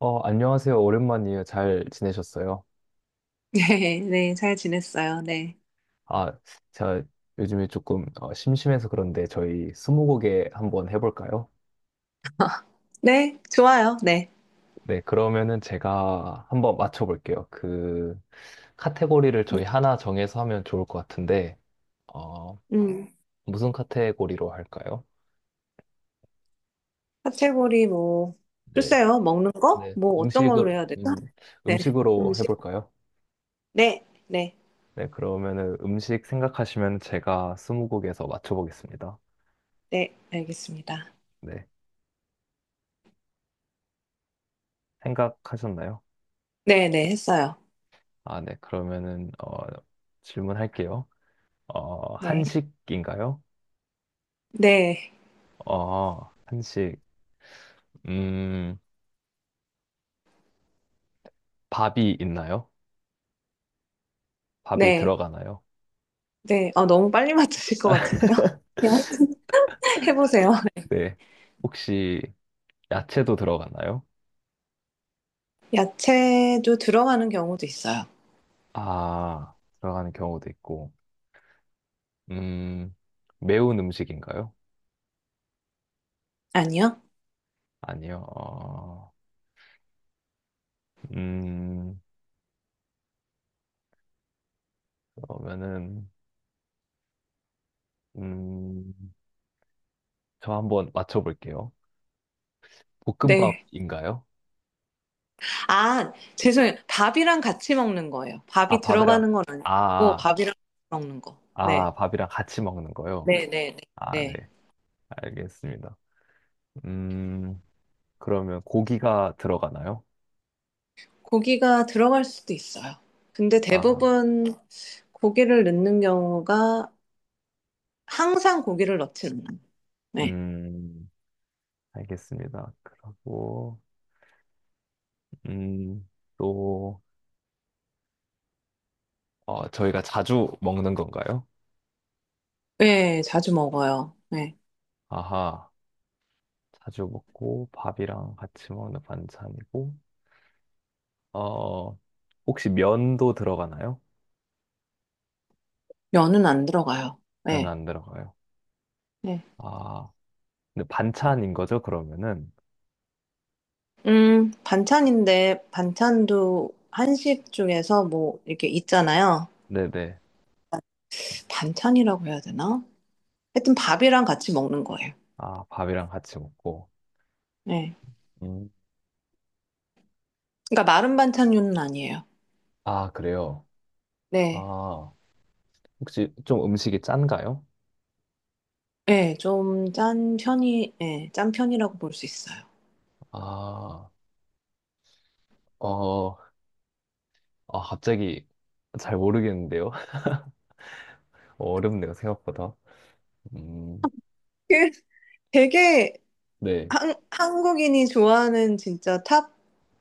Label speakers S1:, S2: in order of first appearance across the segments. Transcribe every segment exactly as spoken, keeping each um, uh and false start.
S1: 어, 안녕하세요. 오랜만이에요. 잘 지내셨어요?
S2: 네, 네, 잘 지냈어요. 네.
S1: 아, 제가 요즘에 조금 어, 심심해서 그런데 저희 스무고개 한번 해볼까요?
S2: 네, 좋아요. 네.
S1: 네, 그러면은 제가 한번 맞춰볼게요. 그 카테고리를 저희 하나 정해서 하면 좋을 것 같은데, 어,
S2: 음,
S1: 무슨 카테고리로 할까요?
S2: 카테고리 뭐,
S1: 네,
S2: 글쎄요, 먹는 거?
S1: 네,
S2: 뭐, 어떤
S1: 음식으로,
S2: 걸로 해야 되죠?
S1: 음,
S2: 네,
S1: 음식으로
S2: 음식.
S1: 해볼까요?
S2: 네, 네,
S1: 네, 그러면은 음식 생각하시면 제가 스무고개에서 맞춰보겠습니다.
S2: 네, 알겠습니다.
S1: 네, 생각하셨나요?
S2: 네, 네, 했어요.
S1: 아, 네. 그러면은 어, 질문할게요. 어,
S2: 네,
S1: 한식인가요?
S2: 네,
S1: 어, 한식. 음, 밥이 있나요? 밥이
S2: 네,
S1: 들어가나요?
S2: 네. 아, 너무 빨리 맞추실 것 같은데요? 네, 하여튼 해보세요.
S1: 네. 혹시 야채도 들어가나요?
S2: 야채도 들어가는 경우도 있어요.
S1: 아, 들어가는 경우도 있고. 음, 매운 음식인가요?
S2: 아니요?
S1: 아니요. 어, 음, 그러면은 음, 저 한번 맞춰볼게요.
S2: 네.
S1: 볶음밥인가요?
S2: 아, 죄송해요. 밥이랑 같이 먹는 거예요.
S1: 아,
S2: 밥이
S1: 밥이랑
S2: 들어가는 건
S1: 아,
S2: 아니고,
S1: 아.
S2: 밥이랑 같이 먹는 거. 네.
S1: 아, 밥이랑 같이 먹는 거요?
S2: 네, 네, 네,
S1: 아, 네.
S2: 네.
S1: 알겠습니다. 음, 그러면 고기가 들어가나요?
S2: 고기가 들어갈 수도 있어요. 근데
S1: 아,
S2: 대부분 고기를 넣는 경우가 항상 고기를 넣지는 않아요. 네.
S1: 음, 알겠습니다. 그리고, 음, 또, 어, 저희가 자주 먹는 건가요?
S2: 네, 자주 먹어요. 네.
S1: 아하, 자주 먹고 밥이랑 같이 먹는 반찬이고, 어, 혹시 면도 들어가나요?
S2: 면은 안 들어가요.
S1: 면
S2: 네.
S1: 안 들어가요.
S2: 네.
S1: 아, 근데 반찬인 거죠, 그러면은?
S2: 음, 반찬인데 반찬도 한식 중에서 뭐 이렇게 있잖아요.
S1: 네네.
S2: 반찬이라고 해야 되나? 하여튼 밥이랑 같이 먹는 거예요.
S1: 아, 밥이랑 같이 먹고.
S2: 네.
S1: 음.
S2: 그러니까 마른 반찬류는 아니에요.
S1: 아, 그래요?
S2: 네.
S1: 아, 혹시 좀 음식이 짠가요?
S2: 네, 좀 짠 편이, 네, 짠 편이라고 볼 수 있어요.
S1: 아, 어, 아, 갑자기 잘 모르겠는데요? 어렵네요, 생각보다. 음,
S2: 그 되게
S1: 네.
S2: 한, 한국인이 좋아하는 진짜 탑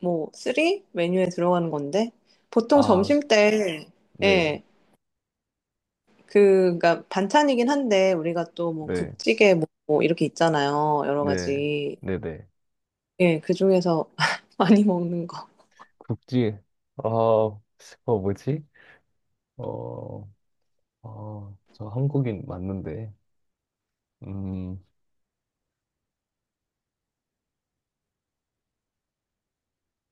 S2: 뭐 쓰리 메뉴에 들어가는 건데 보통
S1: 아,
S2: 점심 때
S1: 네,
S2: 예, 그니까 반찬이긴 한데 우리가 또 뭐
S1: 네,
S2: 국찌개 뭐뭐 이렇게 있잖아요. 여러
S1: 네,
S2: 가지.
S1: 네, 네.
S2: 예, 그중에서 많이 먹는 거.
S1: 국지, 아, 어, 뭐지? 어, 어, 저 한국인 맞는데, 음,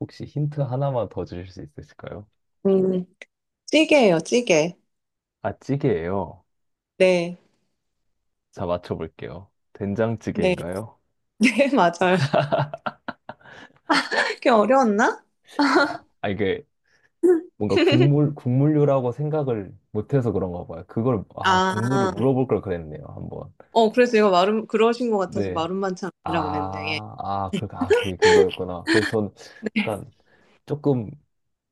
S1: 혹시 힌트 하나만 더 주실 수 있으실까요?
S2: 음, 찌개예요, 찌개.
S1: 아, 찌개예요.
S2: 네.
S1: 자, 맞춰볼게요.
S2: 네.
S1: 된장찌개인가요?
S2: 네, 맞아요. 그게 어려웠나?
S1: 아, 아, 이게 뭔가 국물, 국물류라고 생각을 못해서 그런가 봐요. 그걸, 아, 국물을
S2: 아,
S1: 물어볼 걸 그랬네요, 한번.
S2: 어, 그래서 이거 마름, 그러신 것 같아서
S1: 네.
S2: 마름 반찬이라고 그랬는데, 예.
S1: 아, 아, 그, 아, 그게 그거였구나. 그래서 전 약간 조금,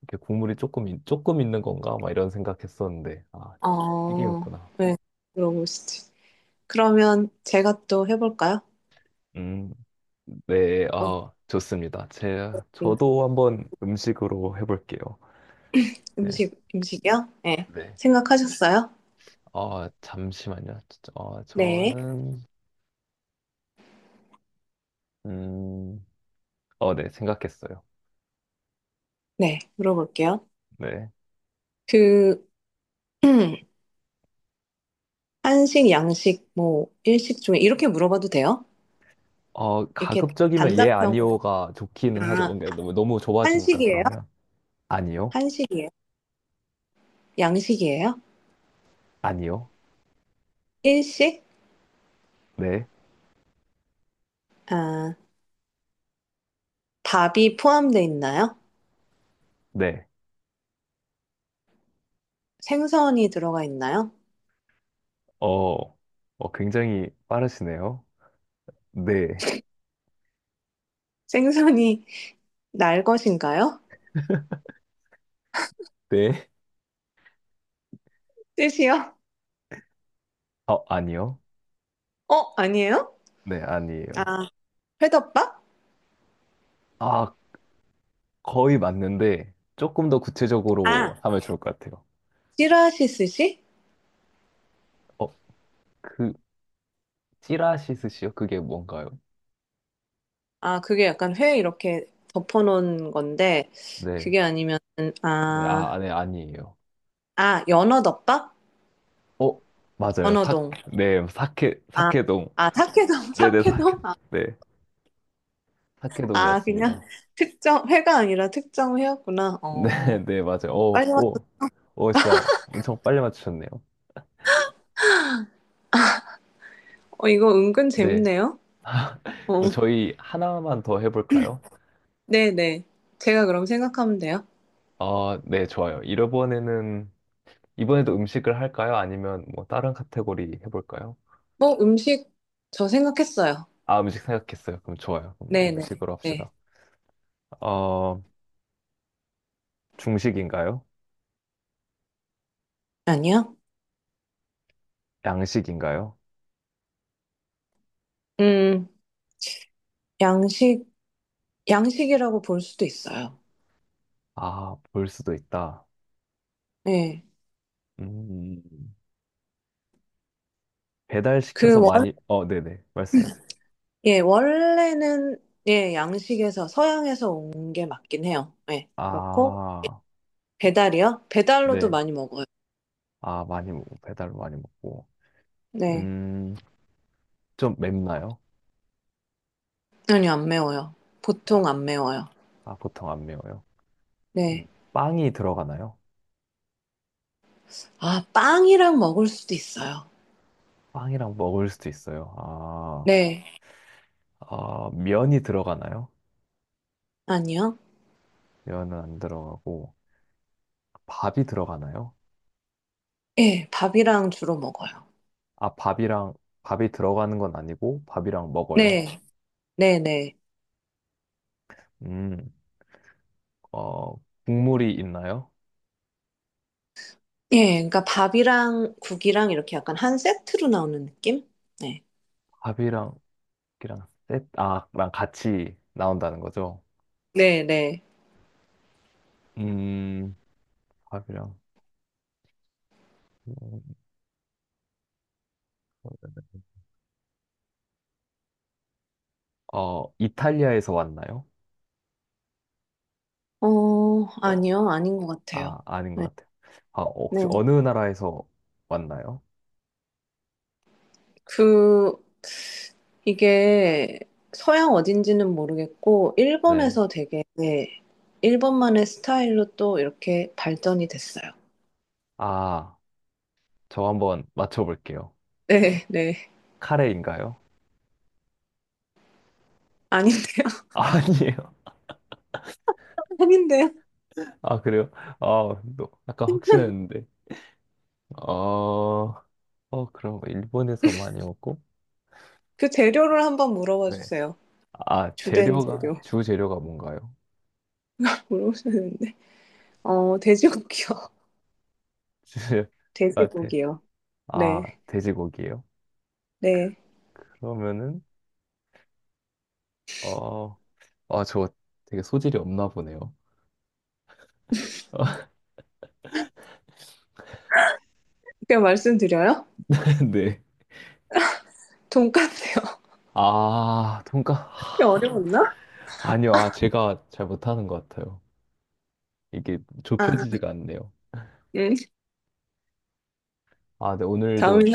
S1: 이렇게 국물이 조금, 있- 조금 있는 건가? 막 이런 생각했었는데, 아,
S2: 어,
S1: 찌개였구나.
S2: 네, 물어보시지. 그러면 제가 또 해볼까요?
S1: 음, 네,
S2: 어,
S1: 아, 좋습니다. 제,
S2: 음,
S1: 저도 한번 음식으로 해볼게요. 네.
S2: 음식, 음식이요? 네.
S1: 네.
S2: 생각하셨어요?
S1: 어, 잠시만요. 어,
S2: 네.
S1: 저는, 음, 어, 네, 생각했어요.
S2: 네, 물어볼게요.
S1: 네.
S2: 그, 한식, 양식, 뭐, 일식 중에 이렇게 물어봐도 돼요?
S1: 어,
S2: 이렇게
S1: 가급적이면 예,
S2: 단답형으로.
S1: 아니요가 좋기는 하죠.
S2: 아,
S1: 뭔가 너무, 너무 좁아지니까
S2: 한식이에요?
S1: 그러면. 아니요,
S2: 한식이에요? 양식이에요?
S1: 아니요,
S2: 일식?
S1: 네,
S2: 아, 밥이 포함되어 있나요?
S1: 네.
S2: 생선이 들어가 있나요?
S1: 어, 어, 굉장히 빠르시네요. 네,
S2: 생선이 날 것인가요?
S1: 네.
S2: 뜻이요?
S1: 어, 아니요,
S2: 어, 아니에요?
S1: 네, 아니에요.
S2: 아, 회덮밥?
S1: 아, 거의 맞는데 조금 더
S2: 아,
S1: 구체적으로 하면 좋을 것 같아요.
S2: 찌라시 스시?
S1: 어, 그, 찌라시 스시요? 그게 뭔가요?
S2: 아, 그게 약간 회 이렇게 덮어놓은 건데,
S1: 네,
S2: 그게 아니면,
S1: 네, 아, 아,
S2: 아,
S1: 네, 아니에요.
S2: 아, 연어덮밥?
S1: 어, 맞아요. 사,
S2: 연어동.
S1: 네, 사케,
S2: 아,
S1: 사케동.
S2: 아, 사케동,
S1: 네네, 사케,
S2: 사케동? 아,
S1: 네,
S2: 아, 그냥
S1: 사케동이었습니다.
S2: 특정, 회가 아니라 특정 회였구나.
S1: 네,
S2: 어,
S1: 네, 맞아요.
S2: 빨리 왔어.
S1: 오오오 진짜 엄청 빨리 맞추셨네요.
S2: 어, 이거 은근
S1: 네.
S2: 재밌네요. 어,
S1: 그럼 저희 하나만 더 해볼까요?
S2: 네네. 제가 그럼 생각하면 돼요.
S1: 아, 네, 좋아요. 이번에는, 이번에도 음식을 할까요? 아니면 뭐 다른 카테고리 해볼까요?
S2: 뭐, 음식, 저 생각했어요.
S1: 아, 음식 생각했어요. 그럼 좋아요. 그럼
S2: 네네.
S1: 음식으로
S2: 네.
S1: 합시다. 어, 중식인가요?
S2: 아니요?
S1: 양식인가요?
S2: 음, 양식, 양식이라고 볼 수도 있어요.
S1: 아, 볼 수도 있다.
S2: 예.
S1: 음,
S2: 그
S1: 배달시켜서
S2: 원,
S1: 많이, 어, 네네. 말씀하세요.
S2: 예, 원래는 예, 양식에서 서양에서 온 게 맞긴 해요. 예. 그렇고
S1: 아,
S2: 배달이요? 배달로도
S1: 네.
S2: 많이 먹어요.
S1: 아, 많이, 먹- 배달 많이 먹고.
S2: 네.
S1: 음, 좀 맵나요?
S2: 아니요, 안 매워요.
S1: 아,
S2: 보통 안 매워요.
S1: 아, 보통 안 매워요. 음,
S2: 네.
S1: 빵이 들어가나요?
S2: 아, 빵이랑 먹을 수도 있어요.
S1: 빵이랑 먹을 수도 있어요. 아,
S2: 네.
S1: 아, 면이 들어가나요?
S2: 아니요.
S1: 면은 안 들어가고, 밥이 들어가나요?
S2: 예, 밥이랑 주로 먹어요.
S1: 아, 밥이랑, 밥이 들어가는 건 아니고, 밥이랑 먹어요.
S2: 네. 네, 네.
S1: 음, 어, 국물이 있나요?
S2: 예, 그러니까 밥이랑 국이랑 이렇게 약간 한 세트로 나오는 느낌? 네.
S1: 밥이랑, 이랑 셋, 아, 랑 같이 나온다는 거죠.
S2: 네, 네.
S1: 음, 밥이랑, 음, 어, 이탈리아에서 왔나요?
S2: 어,
S1: 어,
S2: 아니요, 아닌 것
S1: 아,
S2: 같아요.
S1: 아닌 것
S2: 네.
S1: 같아요. 아, 혹시
S2: 네.
S1: 어느 나라에서 왔나요?
S2: 그, 이게 서양 어딘지는 모르겠고,
S1: 네.
S2: 일본에서 되게, 네, 일본만의 스타일로 또 이렇게 발전이 됐어요.
S1: 아, 저 한번 맞춰볼게요.
S2: 네, 네.
S1: 카레인가요?
S2: 아닌데요?
S1: 아니에요.
S2: 아닌데요?
S1: 아, 그래요? 아, 너, 약간 확신했는데. 어, 어, 그럼 일본에서 많이 먹고?
S2: 그 재료를 한번 물어봐
S1: 네.
S2: 주세요.
S1: 아,
S2: 주된
S1: 재료가,
S2: 재료.
S1: 주 재료가 뭔가요?
S2: 물어보셨는데. 어, 돼지고기요.
S1: 주 재료, 아, 돼,
S2: 돼지고기요.
S1: 아,
S2: 네,
S1: 돼지고기예요?
S2: 네.
S1: 그러면은, 어, 아, 저 되게 소질이 없나 보네요.
S2: 그냥 말씀드려요?
S1: 네.
S2: 돈까스요.
S1: 아, 돈까?
S2: 그게 어려웠나?
S1: 아니요, 아, 제가 잘 못하는 것 같아요. 이게
S2: 아,
S1: 좁혀지지가 않네요.
S2: 음.
S1: 아, 네,
S2: 다음에
S1: 오늘도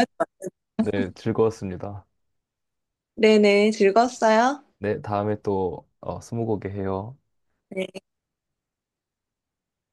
S1: 네, 즐거웠습니다.
S2: 네네, 즐거웠어요.
S1: 네, 다음에 또 어, 스무고개 해요.
S2: 네.